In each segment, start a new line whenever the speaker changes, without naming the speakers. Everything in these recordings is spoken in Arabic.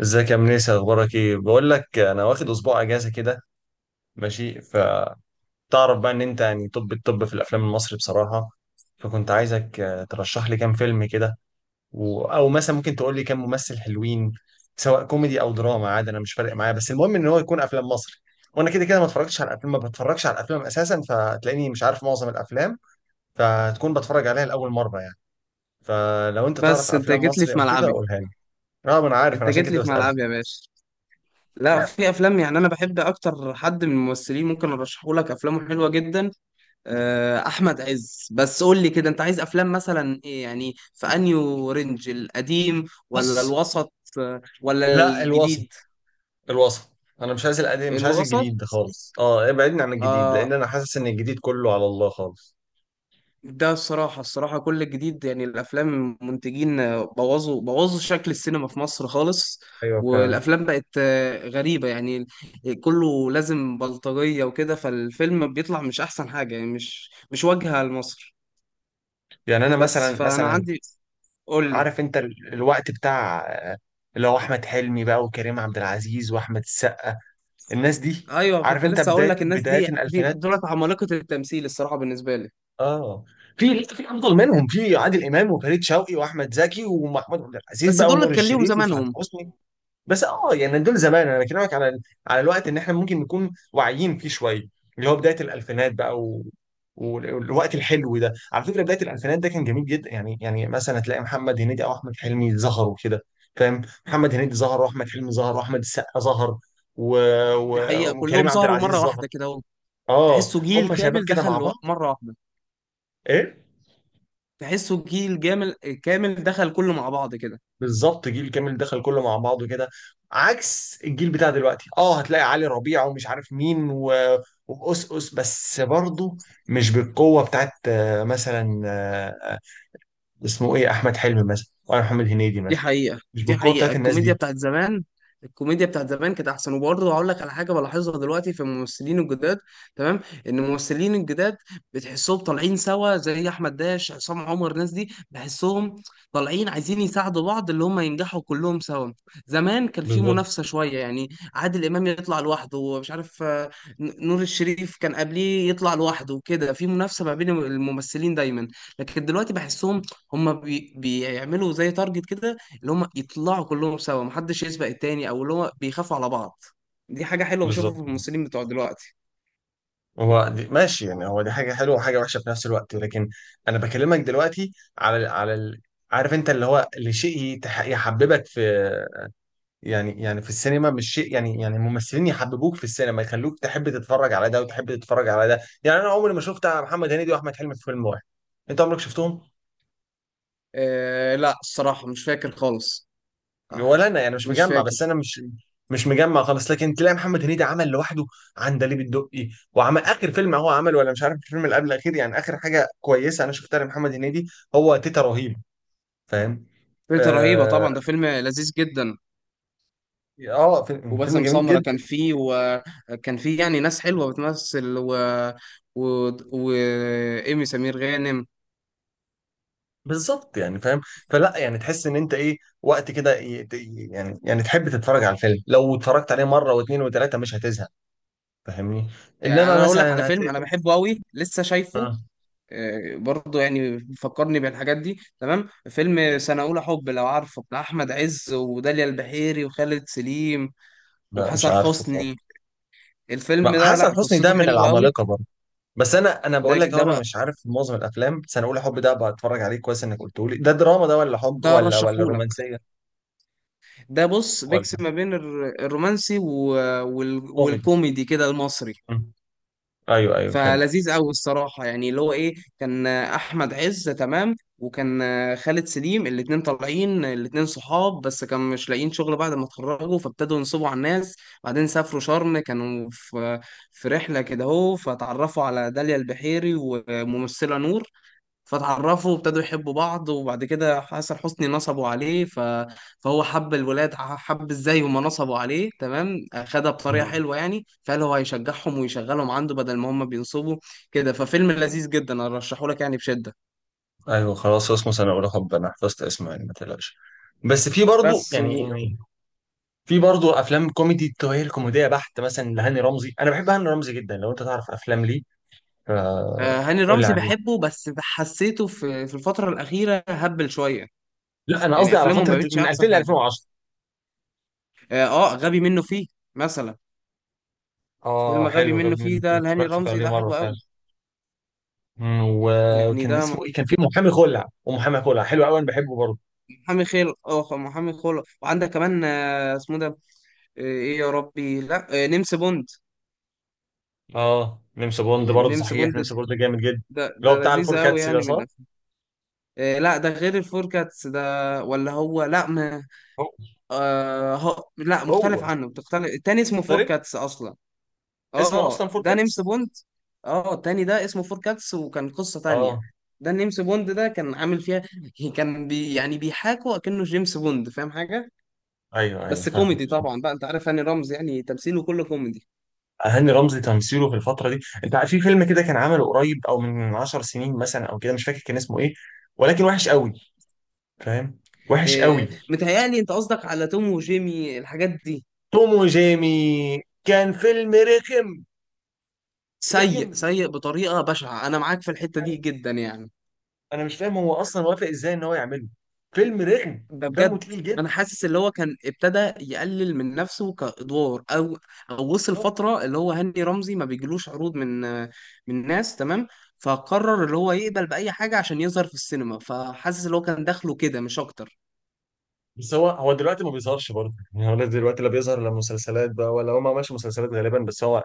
ازيك يا منيس؟ اخبارك ايه؟ بقول لك انا واخد اسبوع اجازه كده. ماشي. فتعرف بقى ان انت يعني، طب، الطب في الافلام المصري بصراحه. فكنت عايزك ترشح لي كام فيلم كده. او مثلا ممكن تقول لي كام ممثل حلوين، سواء كوميدي او دراما، عادي انا مش فارق معايا، بس المهم ان هو يكون افلام مصري. وانا كده كده ما اتفرجتش على الافلام، ما بتفرجش على الافلام اساسا، فتلاقيني مش عارف معظم الافلام، فتكون بتفرج عليها لاول مره يعني. فلو انت تعرف
بس انت
افلام
جيت لي
مصري
في
او كده،
ملعبي.
قولها لي. اه، ما انا عارف، انا
انت
عشان
جيت
كده
لي في
بسالك.
ملعبي يا باشا. لا، في افلام يعني انا بحب اكتر، حد من الممثلين ممكن ارشحه لك افلامه حلوه جدا. احمد عز، بس قول لي كده انت عايز افلام مثلا ايه؟ يعني في انيو رينج القديم ولا
بص.
الوسط ولا
لا، الوسط.
الجديد؟
الوسط. انا مش عايز القديم، مش عايز
الوسط.
الجديد ده خالص. اه، ابعدني عن الجديد
آه،
لان انا حاسس ان الجديد كله على الله خالص.
ده الصراحة، كل الجديد يعني الأفلام، منتجين بوظوا شكل السينما في مصر خالص.
ايوه، فعلا.
والأفلام بقت غريبة يعني، كله لازم بلطجية وكده، فالفيلم بيطلع مش أحسن حاجة يعني، مش واجهة لمصر.
يعني انا
بس
مثلا
فأنا
مثلا
عندي، قول لي.
عارف انت الوقت بتاع آه، اللي هو احمد حلمي بقى وكريم عبد العزيز واحمد السقا، الناس دي.
أيوه،
عارف
كنت
انت
لسه أقول
بدايه
لك الناس
بدايه
دي،
الالفينات،
دولت عمالقة التمثيل الصراحة بالنسبة لي.
اه. في لسه، في افضل منهم، في عادل امام وفريد شوقي واحمد زكي ومحمود عبد العزيز
بس
بقى
دولت
ونور
كان ليهم
الشريف وسعاد
زمانهم.
حسني. بس اه يعني، دول زمان. انا بكلمك على الوقت ان احنا ممكن نكون واعيين فيه شويه، اللي هو بدايه الالفينات بقى. و... وال- والوقت الحلو ده على فكره، بدايه الالفينات ده كان جميل جدا يعني. مثلا هتلاقي محمد هنيدي او احمد حلمي ظهروا كده. فاهم؟ محمد هنيدي ظهر واحمد حلمي ظهر واحمد السقا ظهر و...
دي
و...
حقيقة،
وكريم
كلهم
عبد
سهروا
العزيز
مرة
ظهر.
واحدة كده.
اه،
تحسوا جيل
هم شباب
كامل
كده مع
دخل
بعض.
مرة واحدة.
ايه،
تحسه جيل جامل، كامل دخل كله مع بعض كده.
بالظبط، جيل كامل دخل كله مع بعضه كده. عكس الجيل بتاع دلوقتي، اه، هتلاقي علي ربيع ومش عارف مين وأس أس، بس برضه مش بالقوة بتاعت، مثلا، اسمه ايه، احمد حلمي مثلا ولا محمد هنيدي
دي
مثلا.
حقيقة،
مش بالقوة بتاعت الناس
الكوميديا
دي.
بتاعت زمان، الكوميديا بتاعت زمان كانت أحسن. وبرضه هقول لك على حاجة بلاحظها دلوقتي في الممثلين الجداد، تمام؟ إن الممثلين الجداد بتحسهم طالعين سوا، زي أحمد داش، عصام عمر، الناس دي بحسهم طالعين عايزين يساعدوا بعض، اللي هم ينجحوا كلهم سوا. زمان كان في
بالظبط.
منافسة شوية يعني، عادل إمام يطلع لوحده ومش عارف، نور الشريف كان قبليه يطلع لوحده وكده، في منافسة ما بين الممثلين دايما. لكن دلوقتي بحسهم هم بيعملوا زي تارجت كده، اللي هم يطلعوا كلهم سوا، محدش يسبق التاني، او اللي هو بيخافوا على بعض. دي حاجة حلوة بشوفها
بالظبط.
في الممثلين بتوع دلوقتي.
هو دي ماشي يعني، هو دي حاجة حلوة وحاجة وحشة في نفس الوقت، لكن انا بكلمك دلوقتي عارف انت اللي شيء يحببك في، يعني في السينما، مش شيء يعني، الممثلين يحببوك في السينما، يخلوك تحب تتفرج على ده وتحب تتفرج على ده. يعني انا عمري ما شفت محمد هنيدي واحمد حلمي في فيلم واحد. انت عمرك شفتهم؟
آه لا الصراحة مش فاكر خالص. آه،
ولا انا يعني، مش
مش
مجمع،
فاكر.
بس انا مش مجمع خالص. لكن تلاقي محمد هنيدي عمل لوحده عندليب الدقي، وعمل اخر فيلم هو عمل، ولا مش عارف الفيلم اللي قبل الاخير، يعني اخر حاجه كويسه انا شفتها لمحمد هنيدي هو تيتا رهيب. فاهم؟
فكرة رهيبة
اه.
طبعا، ده فيلم لذيذ جدا.
فيلم
وباسم
جميل
سمرة كان
جدا.
فيه، وكان فيه يعني ناس حلوة بتمثل، و وإيمي سمير غانم.
بالظبط يعني. فاهم؟ فلا يعني، تحس ان انت ايه وقت كده، يعني تحب تتفرج على الفيلم لو اتفرجت عليه مره واثنين وثلاثه مش هتزهق. فاهمني؟
يعني
انما
أنا أقول لك على
مثلا
فيلم
هتلاقي
أنا
فيلم.
بحبه أوي لسه شايفه،
آه،
برضه يعني فكرني بالحاجات دي، تمام. فيلم سنة أولى حب، لو عارفه، بتاع أحمد عز وداليا البحيري وخالد سليم
لا، مش
وحسن
عارفه خالص.
حسني. الفيلم ده
حسن
لا،
حسني ده
قصته
من
حلوة قوي.
العمالقه برضه. بس انا
ده
بقول لك أهو،
ده
انا
بقى،
مش عارف معظم الافلام، بس انا اقول حب ده بتفرج عليه كويس انك قلته لي. ده دراما ده ولا حب
ده
ولا
رشحهولك.
رومانسيه
ده بص،
ولا
ميكس ما بين الرومانسي و-
كوميدي؟
والكوميدي كده، المصري.
مم. ايوه، ايوه، فهمت.
فلذيذ قوي الصراحه، يعني اللي هو ايه، كان احمد عز تمام، وكان خالد سليم، الاتنين طالعين، الاتنين صحاب بس كانوا مش لاقيين شغل بعد ما اتخرجوا، فابتدوا ينصبوا على الناس. بعدين سافروا شرم، كانوا في رحله كده اهو، فتعرفوا على داليا البحيري وممثله نور، فتعرفوا وابتدوا يحبوا بعض. وبعد كده حسن حسني نصبوا عليه، فهو حب الولاد، حب ازاي هما نصبوا عليه تمام، خدها بطريقة
مم.
حلوة يعني، فقال هو هيشجعهم ويشغلهم عنده بدل ما هما بينصبوا كده. ففيلم لذيذ جدا، انا ارشحه لك يعني بشدة.
ايوه، خلاص، اسمه سنه اولى حب، انا حفظت اسمه يعني، ما تقلقش. بس في برضه
بس
يعني،
و...
في برضه افلام كوميدي، التوهيل كوميديه بحت، مثلا لهاني رمزي، انا بحب هاني رمزي جدا، لو انت تعرف افلام ليه فا
هاني
قول لي
رمزي
عليه.
بحبه، بس حسيته في الفترة الأخيرة هبل شوية.
لا، انا
يعني
قصدي على
أفلامه ما
فتره
بقتش
من
أحسن
2000 ل
حاجة.
2010.
آه، غبي منه فيه مثلا،
اه،
فيلم غبي
حلو،
منه
غبي
فيه
منه فيه،
ده لهاني
اتفرجت
رمزي،
عليه
ده
مره
حلو
فعلا.
قوي.
مم،
يعني
وكان
ده
اسمه ايه؟ كان في محامي خلع، ومحامي خلع حلو قوي، انا بحبه برضه.
محامي خير، اه، محامي خير. وعندك كمان اسمه ده، ايه يا ربي، لا، نمس بوند.
اه، نمس بوند برضه،
نمس
صحيح،
بوند،
نمس بوند جامد جدا.
ده
اللي هو
ده
بتاع
لذيذ
الفور
قوي
كاتس ده،
يعني، من
صح؟
الافلام. لا، ده غير الفوركاتس ده. ولا هو لا ما،
هو
آه، هو لا
هو
مختلف عنه، بتختلف. التاني اسمه
مختلف.
فوركاتس اصلا.
اسمه
اه
اصلا فور
ده نمس
كاتس.
بوند، اه التاني ده اسمه فوركاتس وكان قصة تانية.
اه،
ده نيمس بوند ده كان عامل فيها كان يعني بيحاكوا اكنه جيمس بوند، فاهم حاجة؟
ايوه،
بس
ايوه.
كوميدي طبعا بقى، انت عارف هاني رمزي يعني تمثيله كله كوميدي.
هاني رمزي تمثيله في الفترة دي، انت عارف في فيلم كده كان عمله قريب او من 10 سنين مثلا او كده، مش فاكر كان اسمه ايه، ولكن وحش قوي. فاهم؟ وحش قوي.
إيه، متهيألي انت قصدك على توم وجيمي، الحاجات دي؟
توم وجيمي كان فيلم رخم.
سيء
رخم.
سيء بطريقة بشعة، انا معاك في الحتة دي جدا يعني.
انا مش فاهم هو اصلا وافق ازاي ان هو يعمله. فيلم رخم
ده
دمه
بجد.
تقيل جدا.
انا حاسس اللي هو كان ابتدى يقلل من نفسه كادوار، او او وصل فترة اللي هو هاني رمزي ما بيجيلوش عروض من ناس تمام، فقرر اللي هو يقبل بأي حاجة عشان يظهر في السينما. فحاسس اللي هو كان دخله كده مش اكتر.
بس هو دلوقتي ما بيظهرش برضه، يعني هو دلوقتي لا بيظهر لا مسلسلات بقى، ولا هو ما عملش مسلسلات غالبا، بس هو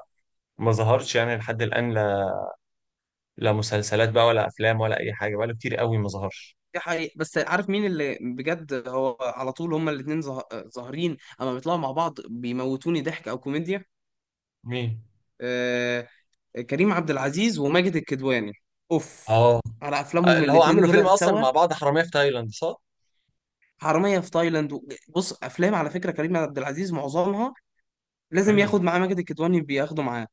ما ظهرش يعني لحد الان. لا، لا مسلسلات بقى ولا افلام ولا اي حاجه، بقى له كتير قوي ما ظهرش.
دي حقيقة. بس عارف مين اللي بجد هو على طول، هما الاتنين ظاهرين، اما بيطلعوا مع بعض بيموتوني ضحك او كوميديا.
مين؟
آه، كريم عبد العزيز وماجد الكدواني، اوف،
اه،
على افلامهم
اللي هو
الاتنين
عملوا فيلم
دول
اصلا
سوا.
مع بعض حراميه في تايلاند، صح؟
حرامية في تايلاند، و، بص افلام على فكرة كريم عبد العزيز معظمها لازم
حلو.
ياخد معاه ماجد الكدواني، بياخده معاه.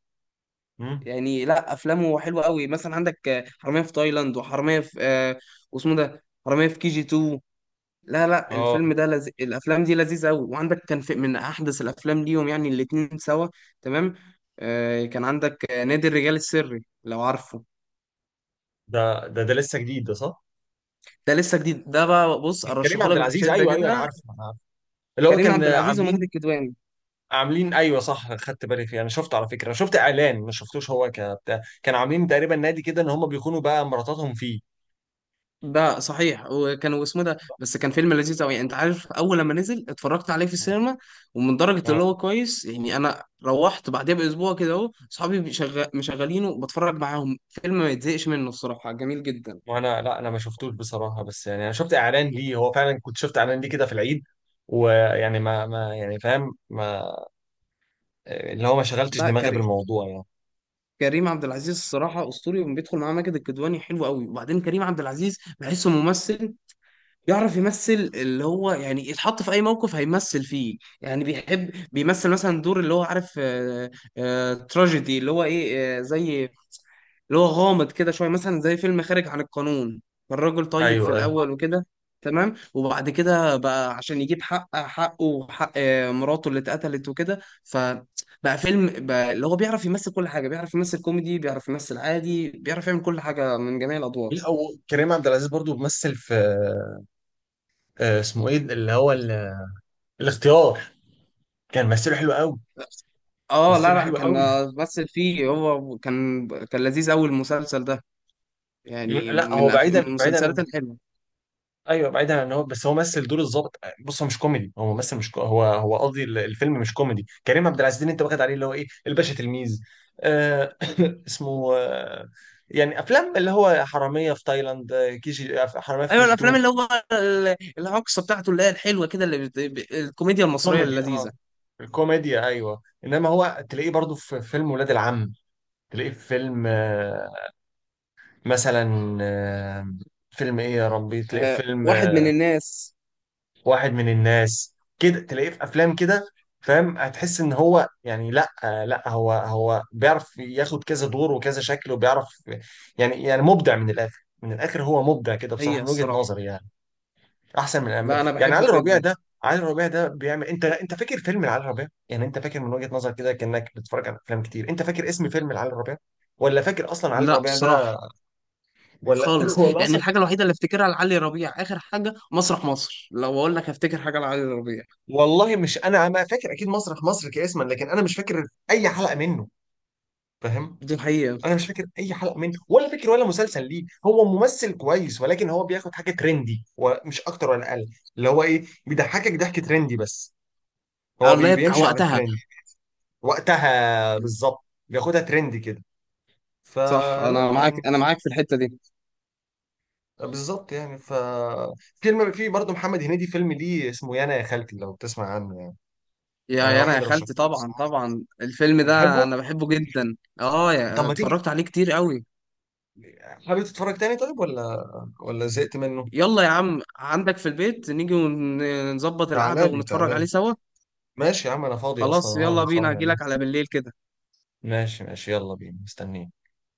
مم.
يعني لا، افلامه حلوة قوي مثلا. عندك حرامية في تايلاند، وحرامية في آه، واسمه ده، حرامية في كي جي 2. لا لا
اه.
الفيلم ده الافلام دي لذيذه قوي. وعندك كان في من احدث الافلام ليهم يعني الاتنين سوا، تمام. آه كان عندك نادي الرجال السري، لو عارفه.
ده لسه جديد ده، صح؟
ده لسه جديد ده بقى، بص
كريم عبد
ارشحهولك
العزيز،
بشده
ايوه، ايوه، انا
كده.
عارفه، انا عارفه. اللي هو
كريم
كان
عبد العزيز وماجد
عاملين،
الكدواني.
ايوه صح، خدت بالي فيه، انا شفته على فكره، انا شفت اعلان ما شفتوش، هو كبتاع كانوا عاملين تقريبا نادي كده ان هم بيخونوا بقى مراتاتهم فيه.
ده صحيح، وكانوا اسمه ده بس، كان فيلم لذيذ قوي. انت عارف، اول لما نزل اتفرجت عليه في السينما، ومن درجه اللي
اه،
هو كويس يعني انا روحت بعدها باسبوع كده اهو، اصحابي مشغلينه وبتفرج معاهم، فيلم ما يتزهقش منه الصراحه، جميل جدا.
وانا لا، انا ما شفتوش بصراحه، بس يعني انا شفت اعلان ليه، هو فعلا كنت شفت اعلان ليه كده في العيد. ويعني ما يعني، فاهم، ما اللي هو ما شغلتش
ده
دماغي
كريم،
بالموضوع يعني.
كريم عبد العزيز الصراحه اسطوري، وبيدخل معاه ماجد الكدواني حلو قوي. وبعدين كريم عبد العزيز بحسه ممثل يعرف يمثل، اللي هو يعني يتحط في اي موقف هيمثل فيه يعني. بيحب بيمثل مثلا دور اللي هو، عارف، تراجيدي اللي هو ايه زي اللي هو غامض كده شويه، مثلا زي فيلم خارج عن القانون، فالراجل طيب في
ايوه، ايوه.
الاول وكده تمام، وبعد كده بقى عشان يجيب حقه وحق مراته اللي اتقتلت وكده، فبقى فيلم بقى اللي هو بيعرف يمثل كل حاجه، بيعرف يمثل كوميدي، بيعرف يمثل عادي، بيعرف يعمل كل حاجه، من جميع
لا،
الادوار.
وكريم عبد العزيز برضو بيمثل في، اسمه ايه اللي هو الاختيار، كان مثله حلو قوي،
اه لا
مثله
لا
حلو اه
كان
قوي.
بس فيه، هو كان لذيذ اول المسلسل ده. يعني
لا، هو
من
بعيدا بعيدا.
المسلسلات الحلوه.
ايوه، بعيدا عن، هو بس هو مثل دور الضابط. بص، هو مش كوميدي، هو ممثل مش كو... هو قصدي الفيلم مش كوميدي، كريم عبد العزيز اللي انت واخد عليه اللي هو ايه الباشا تلميذ. آه اسمه آه يعني افلام اللي هو حراميه في تايلاند، كي جي، حراميه في كي
ايوه
جي
الافلام
2.
اللي هو الهجصه بتاعته، اللي هي الحلوه كده، اللي الكوميديا المصريه
كوميدي اه.
اللذيذه.
الكوميديا، ايوه، انما هو تلاقيه برضو في فيلم ولاد العم، تلاقيه في فيلم مثلا، فيلم ايه يا ربي، تلاقيه في
أه،
فيلم
واحد من الناس.
واحد من الناس كده، تلاقيه في افلام كده. فاهم، هتحس ان هو يعني لا، لا، هو بيعرف ياخد كذا دور وكذا شكل وبيعرف، يعني مبدع من الاخر، من الاخر هو مبدع كده بصراحه
هي
من وجهه
الصراحه،
نظري يعني. احسن من
لا انا
يعني
بحبه
علي ربيع
جدا.
ده. علي ربيع ده بيعمل، انت فاكر فيلم علي ربيع؟ يعني انت فاكر من وجهه نظرك كده كانك بتتفرج على افلام كتير، انت فاكر اسم فيلم علي ربيع؟ ولا فاكر اصلا علي
لا
ربيع ده؟
الصراحه
ولا
خالص،
ولا
يعني
اصلا.
الحاجه الوحيده اللي افتكرها لعلي ربيع اخر حاجه مسرح مصر، لو اقول لك هفتكر حاجه لعلي ربيع.
والله مش، انا ما فاكر اكيد مسرح مصر كاسما، لكن انا مش فاكر اي حلقه منه. فاهم؟
دي الحقيقه.
انا مش فاكر اي حلقه منه ولا فاكر ولا مسلسل ليه، هو ممثل كويس ولكن هو بياخد حاجه ترندي ومش اكتر ولا اقل. اللي هو ايه، بيضحكك ضحك ترندي بس، هو
اللي هي بتاع
بيمشي على
وقتها.
الترند. وقتها بالظبط، بياخدها ترندي كده،
صح،
فلا
انا معاك
يعني.
انا معاك في الحته دي.
بالظبط يعني. فيلم في برضه محمد هنيدي، فيلم ليه اسمه يانا يا خالتي، لو بتسمع عنه يعني.
يا
انا
انا يا
واحد رشحه
خالتي،
لي
طبعا
بصراحة.
طبعا الفيلم ده
بتحبه؟
انا بحبه جدا. اه،
طب ما تيجي،
اتفرجت عليه كتير قوي.
حابب تتفرج تاني طيب ولا زهقت منه؟
يلا يا عم، عندك في البيت نيجي ونظبط القعدة
تعالى لي،
ونتفرج
تعالى لي.
عليه سوا.
ماشي يا عم، انا فاضي اصلا
خلاص،
اهو،
يلا بينا،
هنتفرج عليه.
هجيلك على بالليل كده.
ماشي، ماشي، يلا بينا، مستنيك.